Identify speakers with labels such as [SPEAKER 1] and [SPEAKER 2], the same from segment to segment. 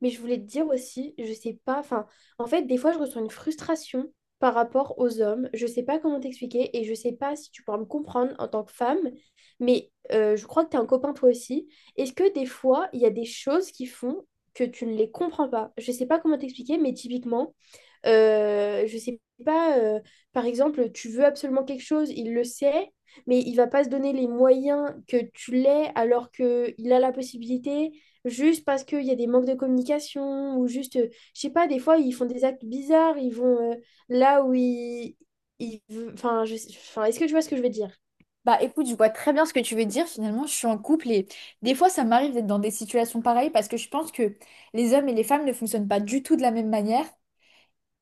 [SPEAKER 1] Mais je voulais te dire aussi, je sais pas, enfin, en fait, des fois, je ressens une frustration par rapport aux hommes. Je sais pas comment t'expliquer et je sais pas si tu pourras me comprendre en tant que femme, mais je crois que tu as un copain toi aussi. Est-ce que des fois, il y a des choses qui font que tu ne les comprends pas? Je sais pas comment t'expliquer, mais typiquement, je sais pas, par exemple, tu veux absolument quelque chose, il le sait, mais il va pas se donner les moyens que tu l'aies alors qu'il a la possibilité, juste parce qu'il y a des manques de communication, ou juste, je sais pas, des fois, ils font des actes bizarres, ils vont là où ils... Enfin, enfin, est-ce que tu vois ce que je veux dire?
[SPEAKER 2] Bah écoute, je vois très bien ce que tu veux dire. Finalement, je suis en couple et des fois, ça m'arrive d'être dans des situations pareilles parce que je pense que les hommes et les femmes ne fonctionnent pas du tout de la même manière.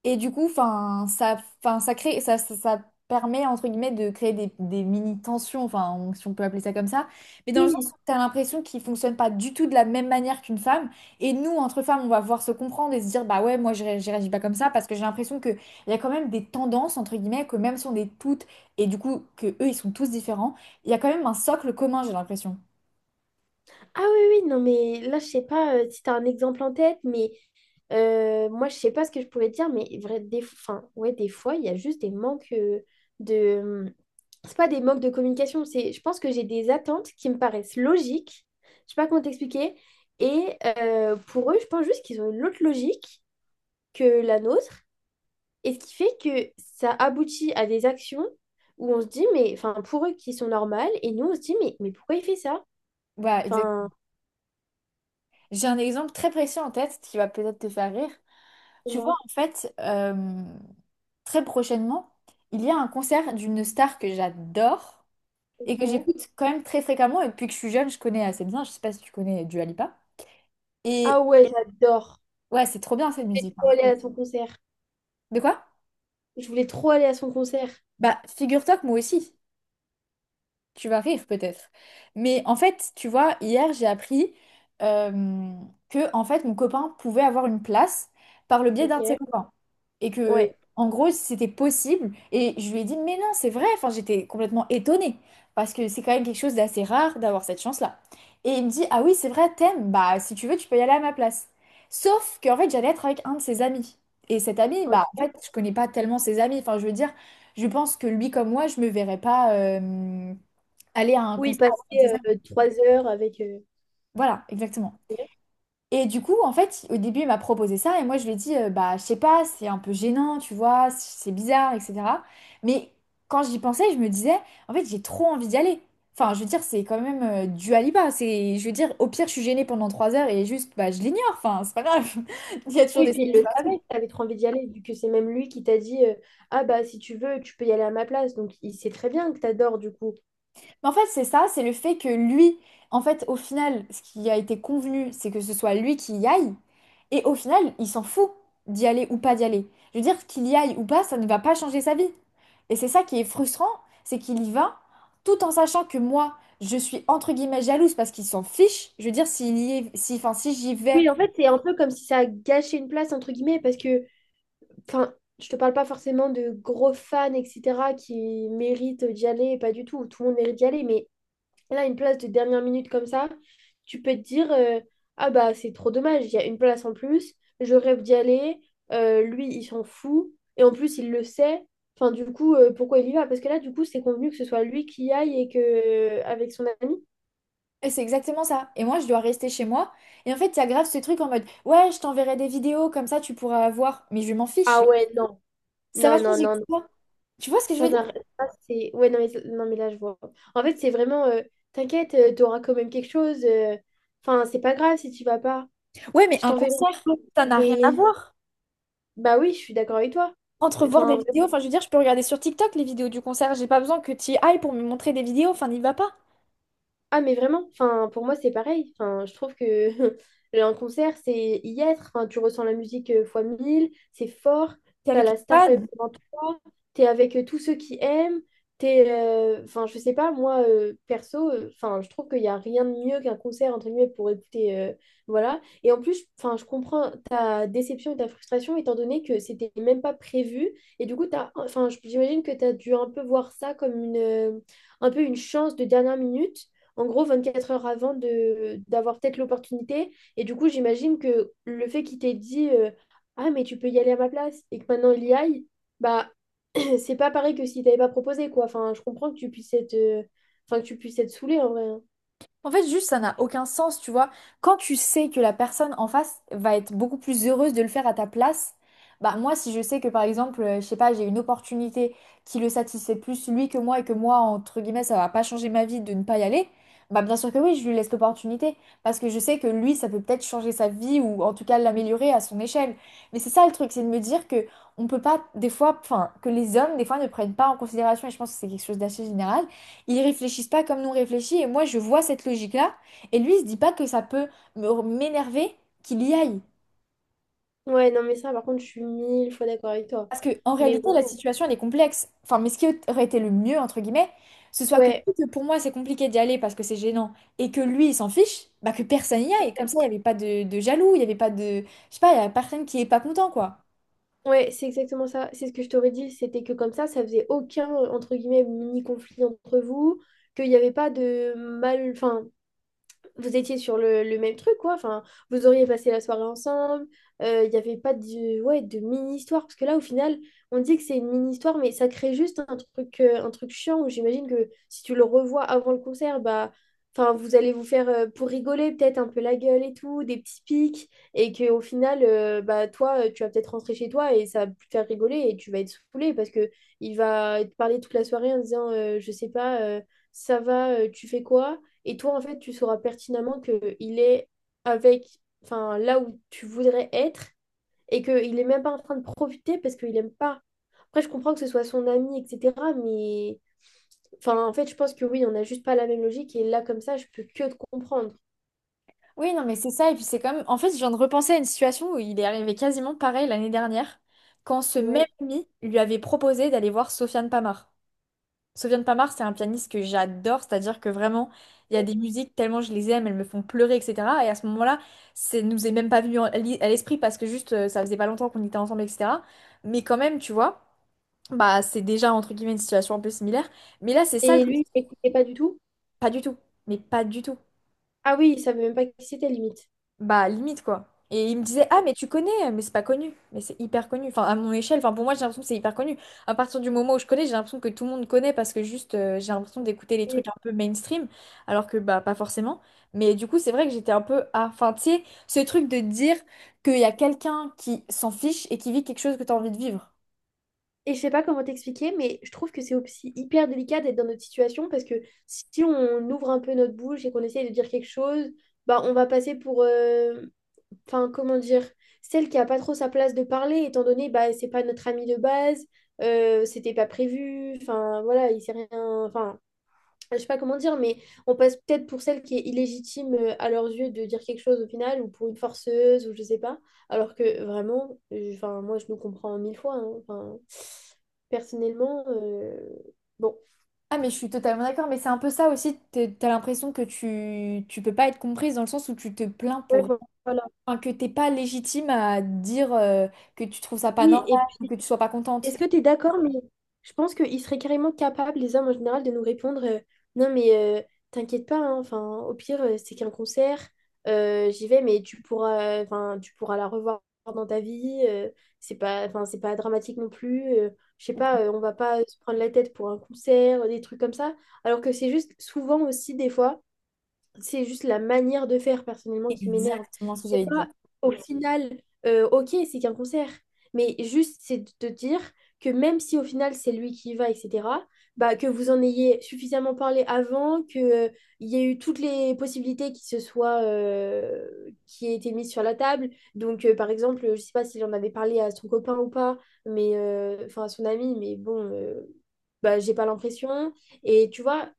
[SPEAKER 2] Et du coup, enfin, enfin, ça permet entre guillemets de créer des mini tensions, enfin, si on peut appeler ça comme ça. Mais dans le sens
[SPEAKER 1] Oui.
[SPEAKER 2] où t'as l'impression qu'ils fonctionnent pas du tout de la même manière qu'une femme. Et nous, entre femmes, on va voir se comprendre et se dire, bah ouais, moi, je réagis pas comme ça parce que j'ai l'impression que il y a quand même des tendances entre guillemets que même si on est toutes et du coup que eux, ils sont tous différents, il y a quand même un socle commun, j'ai l'impression.
[SPEAKER 1] Ah oui, oui, non, mais là, je sais pas si tu as un exemple en tête, mais moi, je sais pas ce que je pourrais te dire, mais vrai, des, enfin, ouais, des fois, il y a juste des manques de... hum, C'est pas des manques de communication, c'est, je pense que j'ai des attentes qui me paraissent logiques, je sais pas comment t'expliquer, et pour eux, je pense juste qu'ils ont une autre logique que la nôtre, et ce qui fait que ça aboutit à des actions où on se dit, mais, enfin, pour eux qui sont normales, et nous, on se dit, mais pourquoi il fait ça?
[SPEAKER 2] Bah, exact.
[SPEAKER 1] Enfin,
[SPEAKER 2] J'ai un exemple très précis en tête qui va peut-être te faire rire.
[SPEAKER 1] c'est
[SPEAKER 2] Tu vois,
[SPEAKER 1] moi,
[SPEAKER 2] en fait, très prochainement, il y a un concert d'une star que j'adore et que
[SPEAKER 1] ok.
[SPEAKER 2] j'écoute quand même très fréquemment. Et depuis que je suis jeune, je connais assez bien. Je sais pas si tu connais Dua Lipa.
[SPEAKER 1] Ah
[SPEAKER 2] Et
[SPEAKER 1] ouais, j'adore.
[SPEAKER 2] ouais, c'est trop bien cette
[SPEAKER 1] Je voulais
[SPEAKER 2] musique,
[SPEAKER 1] trop
[SPEAKER 2] hein.
[SPEAKER 1] aller à son concert.
[SPEAKER 2] De quoi?
[SPEAKER 1] Je voulais trop aller à son concert.
[SPEAKER 2] Bah, figure-toi que moi aussi. Tu vas rire peut-être. Mais en fait, tu vois, hier, j'ai appris euh, que en fait, mon copain pouvait avoir une place par le biais d'un de ses
[SPEAKER 1] Ok.
[SPEAKER 2] copains. Et que,
[SPEAKER 1] Ouais.
[SPEAKER 2] en gros, c'était possible. Et je lui ai dit, mais non, c'est vrai. Enfin, j'étais complètement étonnée. Parce que c'est quand même quelque chose d'assez rare d'avoir cette chance-là. Et il me dit, ah oui, c'est vrai, t'aimes. Bah, si tu veux, tu peux y aller à ma place. Sauf qu'en fait, j'allais être avec un de ses amis. Et cet ami, bah, en
[SPEAKER 1] Ok.
[SPEAKER 2] fait, je connais pas tellement ses amis. Enfin, je veux dire, je pense que lui, comme moi, je me verrais pas, aller à un
[SPEAKER 1] Oui, il
[SPEAKER 2] concert à 36 ans.
[SPEAKER 1] passait 3 heures avec.
[SPEAKER 2] Voilà, exactement. Et du coup, en fait, au début, il m'a proposé ça et moi, je lui ai dit, bah, je sais pas, c'est un peu gênant, tu vois, c'est bizarre, etc. Mais quand j'y pensais, je me disais, en fait, j'ai trop envie d'y aller. Enfin, je veux dire, c'est quand même du Aliba. C'est, je veux dire, au pire, je suis gênée pendant 3 heures et juste, bah, je l'ignore. Enfin, c'est pas grave. Il y a toujours
[SPEAKER 1] Oui,
[SPEAKER 2] des
[SPEAKER 1] puis il le
[SPEAKER 2] solutions.
[SPEAKER 1] savait que t'avais trop envie d'y aller, vu que c'est même lui qui t'a dit ah bah si tu veux, tu peux y aller à ma place. Donc il sait très bien que t'adores du coup.
[SPEAKER 2] Mais en fait, c'est ça, c'est le fait que lui, en fait, au final, ce qui a été convenu, c'est que ce soit lui qui y aille. Et au final, il s'en fout d'y aller ou pas d'y aller. Je veux dire, qu'il y aille ou pas, ça ne va pas changer sa vie. Et c'est ça qui est frustrant, c'est qu'il y va, tout en sachant que moi, je suis entre guillemets jalouse parce qu'il s'en fiche. Je veux dire, s'il y est, si, enfin, si j'y vais,
[SPEAKER 1] Oui, en fait, c'est un peu comme si ça a gâché une place, entre guillemets, parce que, enfin, je te parle pas forcément de gros fans, etc., qui méritent d'y aller, pas du tout, tout le monde mérite d'y aller, mais et là, une place de dernière minute comme ça, tu peux te dire ah bah c'est trop dommage, il y a une place en plus, je rêve d'y aller, lui il s'en fout, et en plus il le sait. Enfin, du coup, pourquoi il y va? Parce que là, du coup, c'est convenu que ce soit lui qui y aille et que avec son ami.
[SPEAKER 2] et c'est exactement ça. Et moi, je dois rester chez moi. Et en fait, il y a grave ce truc en mode, ouais, je t'enverrai des vidéos, comme ça, tu pourras voir. Mais je m'en
[SPEAKER 1] Ah
[SPEAKER 2] fiche.
[SPEAKER 1] ouais, non,
[SPEAKER 2] Ça va
[SPEAKER 1] non, non,
[SPEAKER 2] changer
[SPEAKER 1] non, non.
[SPEAKER 2] quoi? Tu vois ce que je veux
[SPEAKER 1] Ça
[SPEAKER 2] dire?
[SPEAKER 1] n'a ça, c'est. Ouais, non mais, non, mais là, je vois. En fait, c'est vraiment t'inquiète, t'auras quand même quelque chose. Enfin, c'est pas grave si tu vas pas.
[SPEAKER 2] Ouais, mais
[SPEAKER 1] Je
[SPEAKER 2] un
[SPEAKER 1] t'enverrai une
[SPEAKER 2] concert,
[SPEAKER 1] photo,
[SPEAKER 2] ça n'a rien à
[SPEAKER 1] mais.
[SPEAKER 2] voir.
[SPEAKER 1] Bah oui, je suis d'accord avec toi.
[SPEAKER 2] Entre voir des
[SPEAKER 1] Enfin,
[SPEAKER 2] vidéos, enfin, je veux dire, je peux regarder sur TikTok les vidéos du concert. J'ai pas besoin que tu y ailles pour me montrer des vidéos. Enfin, n'y va pas.
[SPEAKER 1] ah, mais vraiment, enfin, pour moi, c'est pareil. Enfin, je trouve que un concert, c'est y être. Enfin, tu ressens la musique fois 1 000, c'est fort.
[SPEAKER 2] T'es
[SPEAKER 1] T'as
[SPEAKER 2] avec une
[SPEAKER 1] la star quand même
[SPEAKER 2] fan.
[SPEAKER 1] devant toi. T'es avec tous ceux qui aiment. T'es, enfin, je sais pas, moi, perso, enfin, je trouve qu'il n'y a rien de mieux qu'un concert, entre guillemets, pour écouter. Voilà. Et en plus, enfin, je comprends ta déception et ta frustration, étant donné que c'était même pas prévu. Et du coup, t'as, enfin, j'imagine que t'as dû un peu voir ça comme une, un peu une chance de dernière minute en gros 24 heures avant de d'avoir peut-être l'opportunité. Et du coup, j'imagine que le fait qu'il t'ait dit ah, mais tu peux y aller à ma place et que maintenant il y aille, bah c'est pas pareil que si t'avais pas proposé, quoi. Enfin, je comprends que tu puisses être, enfin, que tu puisses être saoulé en vrai, hein.
[SPEAKER 2] En fait, juste, ça n'a aucun sens, tu vois. Quand tu sais que la personne en face va être beaucoup plus heureuse de le faire à ta place, bah moi, si je sais que par exemple, je sais pas, j'ai une opportunité qui le satisfait plus lui que moi et que moi, entre guillemets, ça va pas changer ma vie de ne pas y aller, bah bien sûr que oui, je lui laisse l'opportunité parce que je sais que lui, ça peut peut-être changer sa vie ou en tout cas l'améliorer à son échelle. Mais c'est ça le truc, c'est de me dire que on peut pas, des fois, enfin, que les hommes, des fois, ne prennent pas en considération, et je pense que c'est quelque chose d'assez général. Ils réfléchissent pas comme nous on réfléchit et moi je vois cette logique-là et lui il se dit pas que ça peut m'énerver qu'il y aille.
[SPEAKER 1] Ouais, non, mais ça, par contre, je suis 1 000 fois d'accord avec toi.
[SPEAKER 2] Parce que en
[SPEAKER 1] Mais
[SPEAKER 2] réalité la
[SPEAKER 1] vraiment,
[SPEAKER 2] situation elle est complexe. Enfin mais ce qui aurait été le mieux entre guillemets, ce soit que,
[SPEAKER 1] ouais.
[SPEAKER 2] vu que pour moi c'est compliqué d'y aller parce que c'est gênant et que lui il s'en fiche, bah que personne y aille. Comme ça il n'y avait pas de jaloux, il n'y avait pas Je sais pas, il n'y avait personne qui est pas content quoi.
[SPEAKER 1] Ouais, c'est exactement ça. C'est ce que je t'aurais dit. C'était que comme ça faisait aucun, entre guillemets, mini-conflit entre vous, qu'il n'y avait pas de mal, enfin, vous étiez sur le même truc, quoi. Enfin, vous auriez passé la soirée ensemble. Il n'y avait pas de, ouais, de mini-histoire. Parce que là, au final, on dit que c'est une mini-histoire, mais ça crée juste un truc chiant où j'imagine que si tu le revois avant le concert, bah, enfin, vous allez vous faire, pour rigoler, peut-être un peu la gueule et tout, des petits pics. Et qu'au final, bah, toi, tu vas peut-être rentrer chez toi et ça va plus te faire rigoler et tu vas être saoulé parce que il va te parler toute la soirée en disant, je sais pas, ça va, tu fais quoi? Et toi, en fait, tu sauras pertinemment qu'il est avec, enfin, là où tu voudrais être et qu'il n'est même pas en train de profiter parce qu'il n'aime pas. Après, je comprends que ce soit son ami, etc. Mais, enfin, en fait, je pense que oui, on n'a juste pas la même logique. Et là, comme ça, je peux que te comprendre.
[SPEAKER 2] Oui non mais c'est ça et puis. En fait je viens de repenser à une situation où il est arrivé quasiment pareil l'année dernière quand ce même
[SPEAKER 1] Ouais.
[SPEAKER 2] ami lui avait proposé d'aller voir Sofiane Pamar. Sofiane Pamart, c'est un pianiste que j'adore, c'est-à-dire que vraiment, il y a des musiques tellement je les aime, elles me font pleurer, etc. Et à ce moment-là, ça nous est même pas venu à l'esprit parce que juste, ça faisait pas longtemps qu'on était ensemble, etc. Mais quand même, tu vois, bah c'est déjà entre guillemets une situation un peu similaire. Mais là, c'est ça le
[SPEAKER 1] Et
[SPEAKER 2] truc.
[SPEAKER 1] lui, il n'écoutait pas du tout.
[SPEAKER 2] Pas du tout. Mais pas du tout.
[SPEAKER 1] Ah oui, il savait même pas qui c'était, limite.
[SPEAKER 2] Bah, limite, quoi. Et il me disait, ah, mais tu connais, mais c'est pas connu. Mais c'est hyper connu. Enfin, à mon échelle, enfin, pour moi, j'ai l'impression que c'est hyper connu. À partir du moment où je connais, j'ai l'impression que tout le monde connaît parce que juste, j'ai l'impression d'écouter les
[SPEAKER 1] Mm.
[SPEAKER 2] trucs un peu mainstream, alors que, bah, pas forcément. Mais du coup, c'est vrai que j'étais un peu, ah, enfin, tu sais, ce truc de dire qu'il y a quelqu'un qui s'en fiche et qui vit quelque chose que t'as envie de vivre.
[SPEAKER 1] Et je sais pas comment t'expliquer, mais je trouve que c'est aussi hyper délicat d'être dans notre situation parce que si on ouvre un peu notre bouche et qu'on essaye de dire quelque chose, bah on va passer pour, enfin comment dire, celle qui a pas trop sa place de parler étant donné bah c'est pas notre ami de base, c'était pas prévu, enfin voilà, il s'est rien, enfin je sais pas comment dire, mais on passe peut-être pour celle qui est illégitime à leurs yeux de dire quelque chose au final, ou pour une forceuse, ou je sais pas. Alors que vraiment, enfin, moi je nous comprends 1 000 fois, hein. Enfin, personnellement, bon.
[SPEAKER 2] Ah, mais je suis totalement d'accord, mais c'est un peu ça aussi. T'as l'impression que tu peux pas être comprise dans le sens où tu te plains
[SPEAKER 1] Ouais,
[SPEAKER 2] pour.
[SPEAKER 1] voilà.
[SPEAKER 2] Enfin, que t'es pas légitime à dire que tu trouves ça pas
[SPEAKER 1] Oui,
[SPEAKER 2] normal
[SPEAKER 1] et
[SPEAKER 2] ou que
[SPEAKER 1] puis.
[SPEAKER 2] tu sois pas contente.
[SPEAKER 1] Est-ce que tu es d'accord, mais je pense qu'ils seraient carrément capables, les hommes en général, de nous répondre non, mais t'inquiète pas, hein, enfin, au pire, c'est qu'un concert, j'y vais, mais tu pourras, enfin, tu pourras la revoir dans ta vie, c'est pas, enfin, c'est pas dramatique non plus, je sais pas, on va pas se prendre la tête pour un concert, des trucs comme ça, alors que c'est juste souvent aussi, des fois, c'est juste la manière de faire personnellement qui m'énerve.
[SPEAKER 2] Exactement ce que
[SPEAKER 1] C'est
[SPEAKER 2] j'allais dire.
[SPEAKER 1] pas au final, ok, c'est qu'un concert, mais juste c'est de te dire que même si au final c'est lui qui y va, etc., bah, que vous en ayez suffisamment parlé avant, qu'il il y ait eu toutes les possibilités qui se soient, qui aient été mises sur la table. Donc, par exemple, je sais pas s'il en avait parlé à son copain ou pas, mais enfin à son ami, mais bon, bah, j'ai pas l'impression. Et tu vois,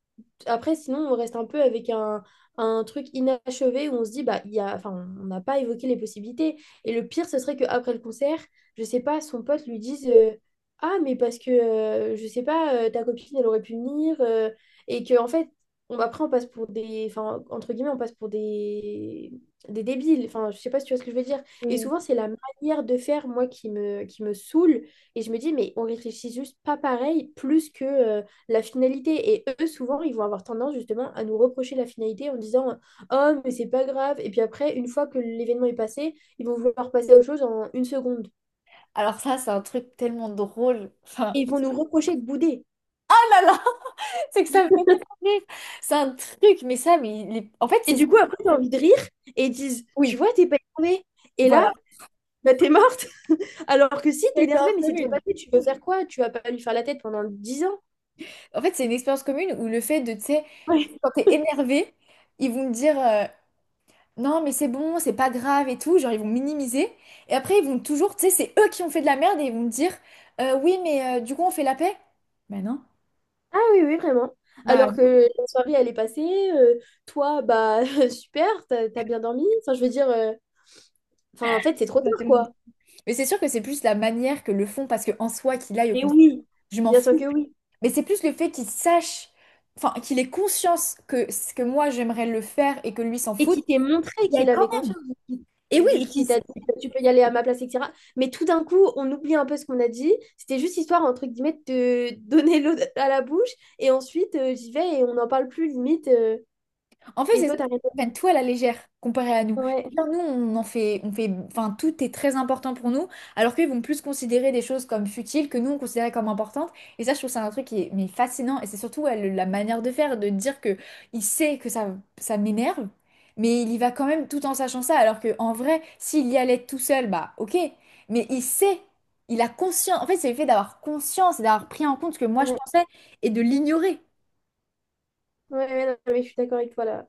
[SPEAKER 1] après, sinon, on reste un peu avec un truc inachevé où on se dit, bah, il y a, enfin, on n'a pas évoqué les possibilités. Et le pire, ce serait qu'après le concert, je sais pas, son pote lui dise, ah, mais parce que, je sais pas, ta copine, elle aurait pu venir. Et que, en fait, on, après, on passe pour des, enfin, entre guillemets, on passe pour des débiles. Enfin, je sais pas si tu vois ce que je veux dire. Et souvent, c'est la manière de faire, moi, qui me saoule. Et je me dis, mais on réfléchit juste pas pareil, plus que la finalité. Et eux, souvent, ils vont avoir tendance justement à nous reprocher la finalité en disant oh, mais c'est pas grave. Et puis après, une fois que l'événement est passé, ils vont vouloir passer à autre chose en une seconde.
[SPEAKER 2] Alors ça, c'est un truc tellement drôle.
[SPEAKER 1] Et
[SPEAKER 2] Enfin,
[SPEAKER 1] ils vont nous reprocher de bouder.
[SPEAKER 2] oh là là, c'est que ça me fait tellement rire. C'est un truc, mais ça, mais en fait,
[SPEAKER 1] Et
[SPEAKER 2] c'est ça.
[SPEAKER 1] du coup, après, tu envie de rire et ils disent tu
[SPEAKER 2] Oui,
[SPEAKER 1] vois, t'es pas énervé. Et là,
[SPEAKER 2] voilà.
[SPEAKER 1] bah, t'es morte. Alors que si,
[SPEAKER 2] C'est une
[SPEAKER 1] t'es énervé,
[SPEAKER 2] expérience
[SPEAKER 1] mais c'est déjà
[SPEAKER 2] commune.
[SPEAKER 1] passé. Tu veux faire quoi? Tu vas pas lui faire la tête pendant 10 ans.
[SPEAKER 2] En fait, c'est une expérience commune où le fait de, tu sais,
[SPEAKER 1] Ouais.
[SPEAKER 2] quand t'es énervé, ils vont me dire non, mais c'est bon, c'est pas grave et tout. Genre, ils vont minimiser. Et après, ils vont toujours, tu sais, c'est eux qui ont fait de la merde et ils vont me dire oui, mais du coup, on fait la paix. Ben non.
[SPEAKER 1] Ah oui, oui, vraiment.
[SPEAKER 2] Bah,
[SPEAKER 1] Alors que la soirée, elle est passée. euh, Toi, bah, super, t'as bien dormi. Enfin, je veux dire, enfin, en fait, c'est trop
[SPEAKER 2] oui, pas
[SPEAKER 1] tard,
[SPEAKER 2] tellement.
[SPEAKER 1] quoi.
[SPEAKER 2] Mais c'est sûr que c'est plus la manière que le font, parce que en soi, qu'il aille au
[SPEAKER 1] Et
[SPEAKER 2] concert,
[SPEAKER 1] oui,
[SPEAKER 2] je m'en
[SPEAKER 1] bien sûr
[SPEAKER 2] fous.
[SPEAKER 1] que oui.
[SPEAKER 2] Mais c'est plus le fait qu'il sache, enfin, qu'il ait conscience que ce que moi, j'aimerais le faire et que lui s'en
[SPEAKER 1] Et
[SPEAKER 2] fout.
[SPEAKER 1] qui t'ait montré
[SPEAKER 2] Il y a
[SPEAKER 1] qu'il
[SPEAKER 2] quand
[SPEAKER 1] avait
[SPEAKER 2] même...
[SPEAKER 1] confiance, vu qu'il
[SPEAKER 2] Et
[SPEAKER 1] et
[SPEAKER 2] oui,
[SPEAKER 1] vu
[SPEAKER 2] et qu'il
[SPEAKER 1] qu'il t'a dit bah, tu peux y aller à ma place, etc. Mais tout d'un coup, on oublie un peu ce qu'on a dit. C'était juste histoire, entre guillemets, de te donner l'eau à la bouche. Et ensuite, j'y vais et on n'en parle plus, limite.
[SPEAKER 2] En fait,
[SPEAKER 1] Et
[SPEAKER 2] c'est
[SPEAKER 1] toi,
[SPEAKER 2] ça, c'est qu'ils
[SPEAKER 1] t'arrêtes.
[SPEAKER 2] prennent tout à la légère comparé à nous.
[SPEAKER 1] Ouais,
[SPEAKER 2] Bien, nous, on fait, enfin, tout est très important pour nous, alors qu'ils vont plus considérer des choses comme futiles que nous, on considérait comme importantes. Et ça, je trouve que c'est un truc qui est mais fascinant. Et c'est surtout ouais, la manière de faire, de dire que il sait que ça m'énerve, mais il y va quand même tout en sachant ça. Alors que en vrai, s'il y allait tout seul, bah ok. Mais il sait, il a conscience. En fait, c'est le fait d'avoir conscience et d'avoir pris en compte ce que moi je
[SPEAKER 1] ouais,
[SPEAKER 2] pensais et de l'ignorer.
[SPEAKER 1] ouais, ouais, non, mais je suis d'accord avec toi là.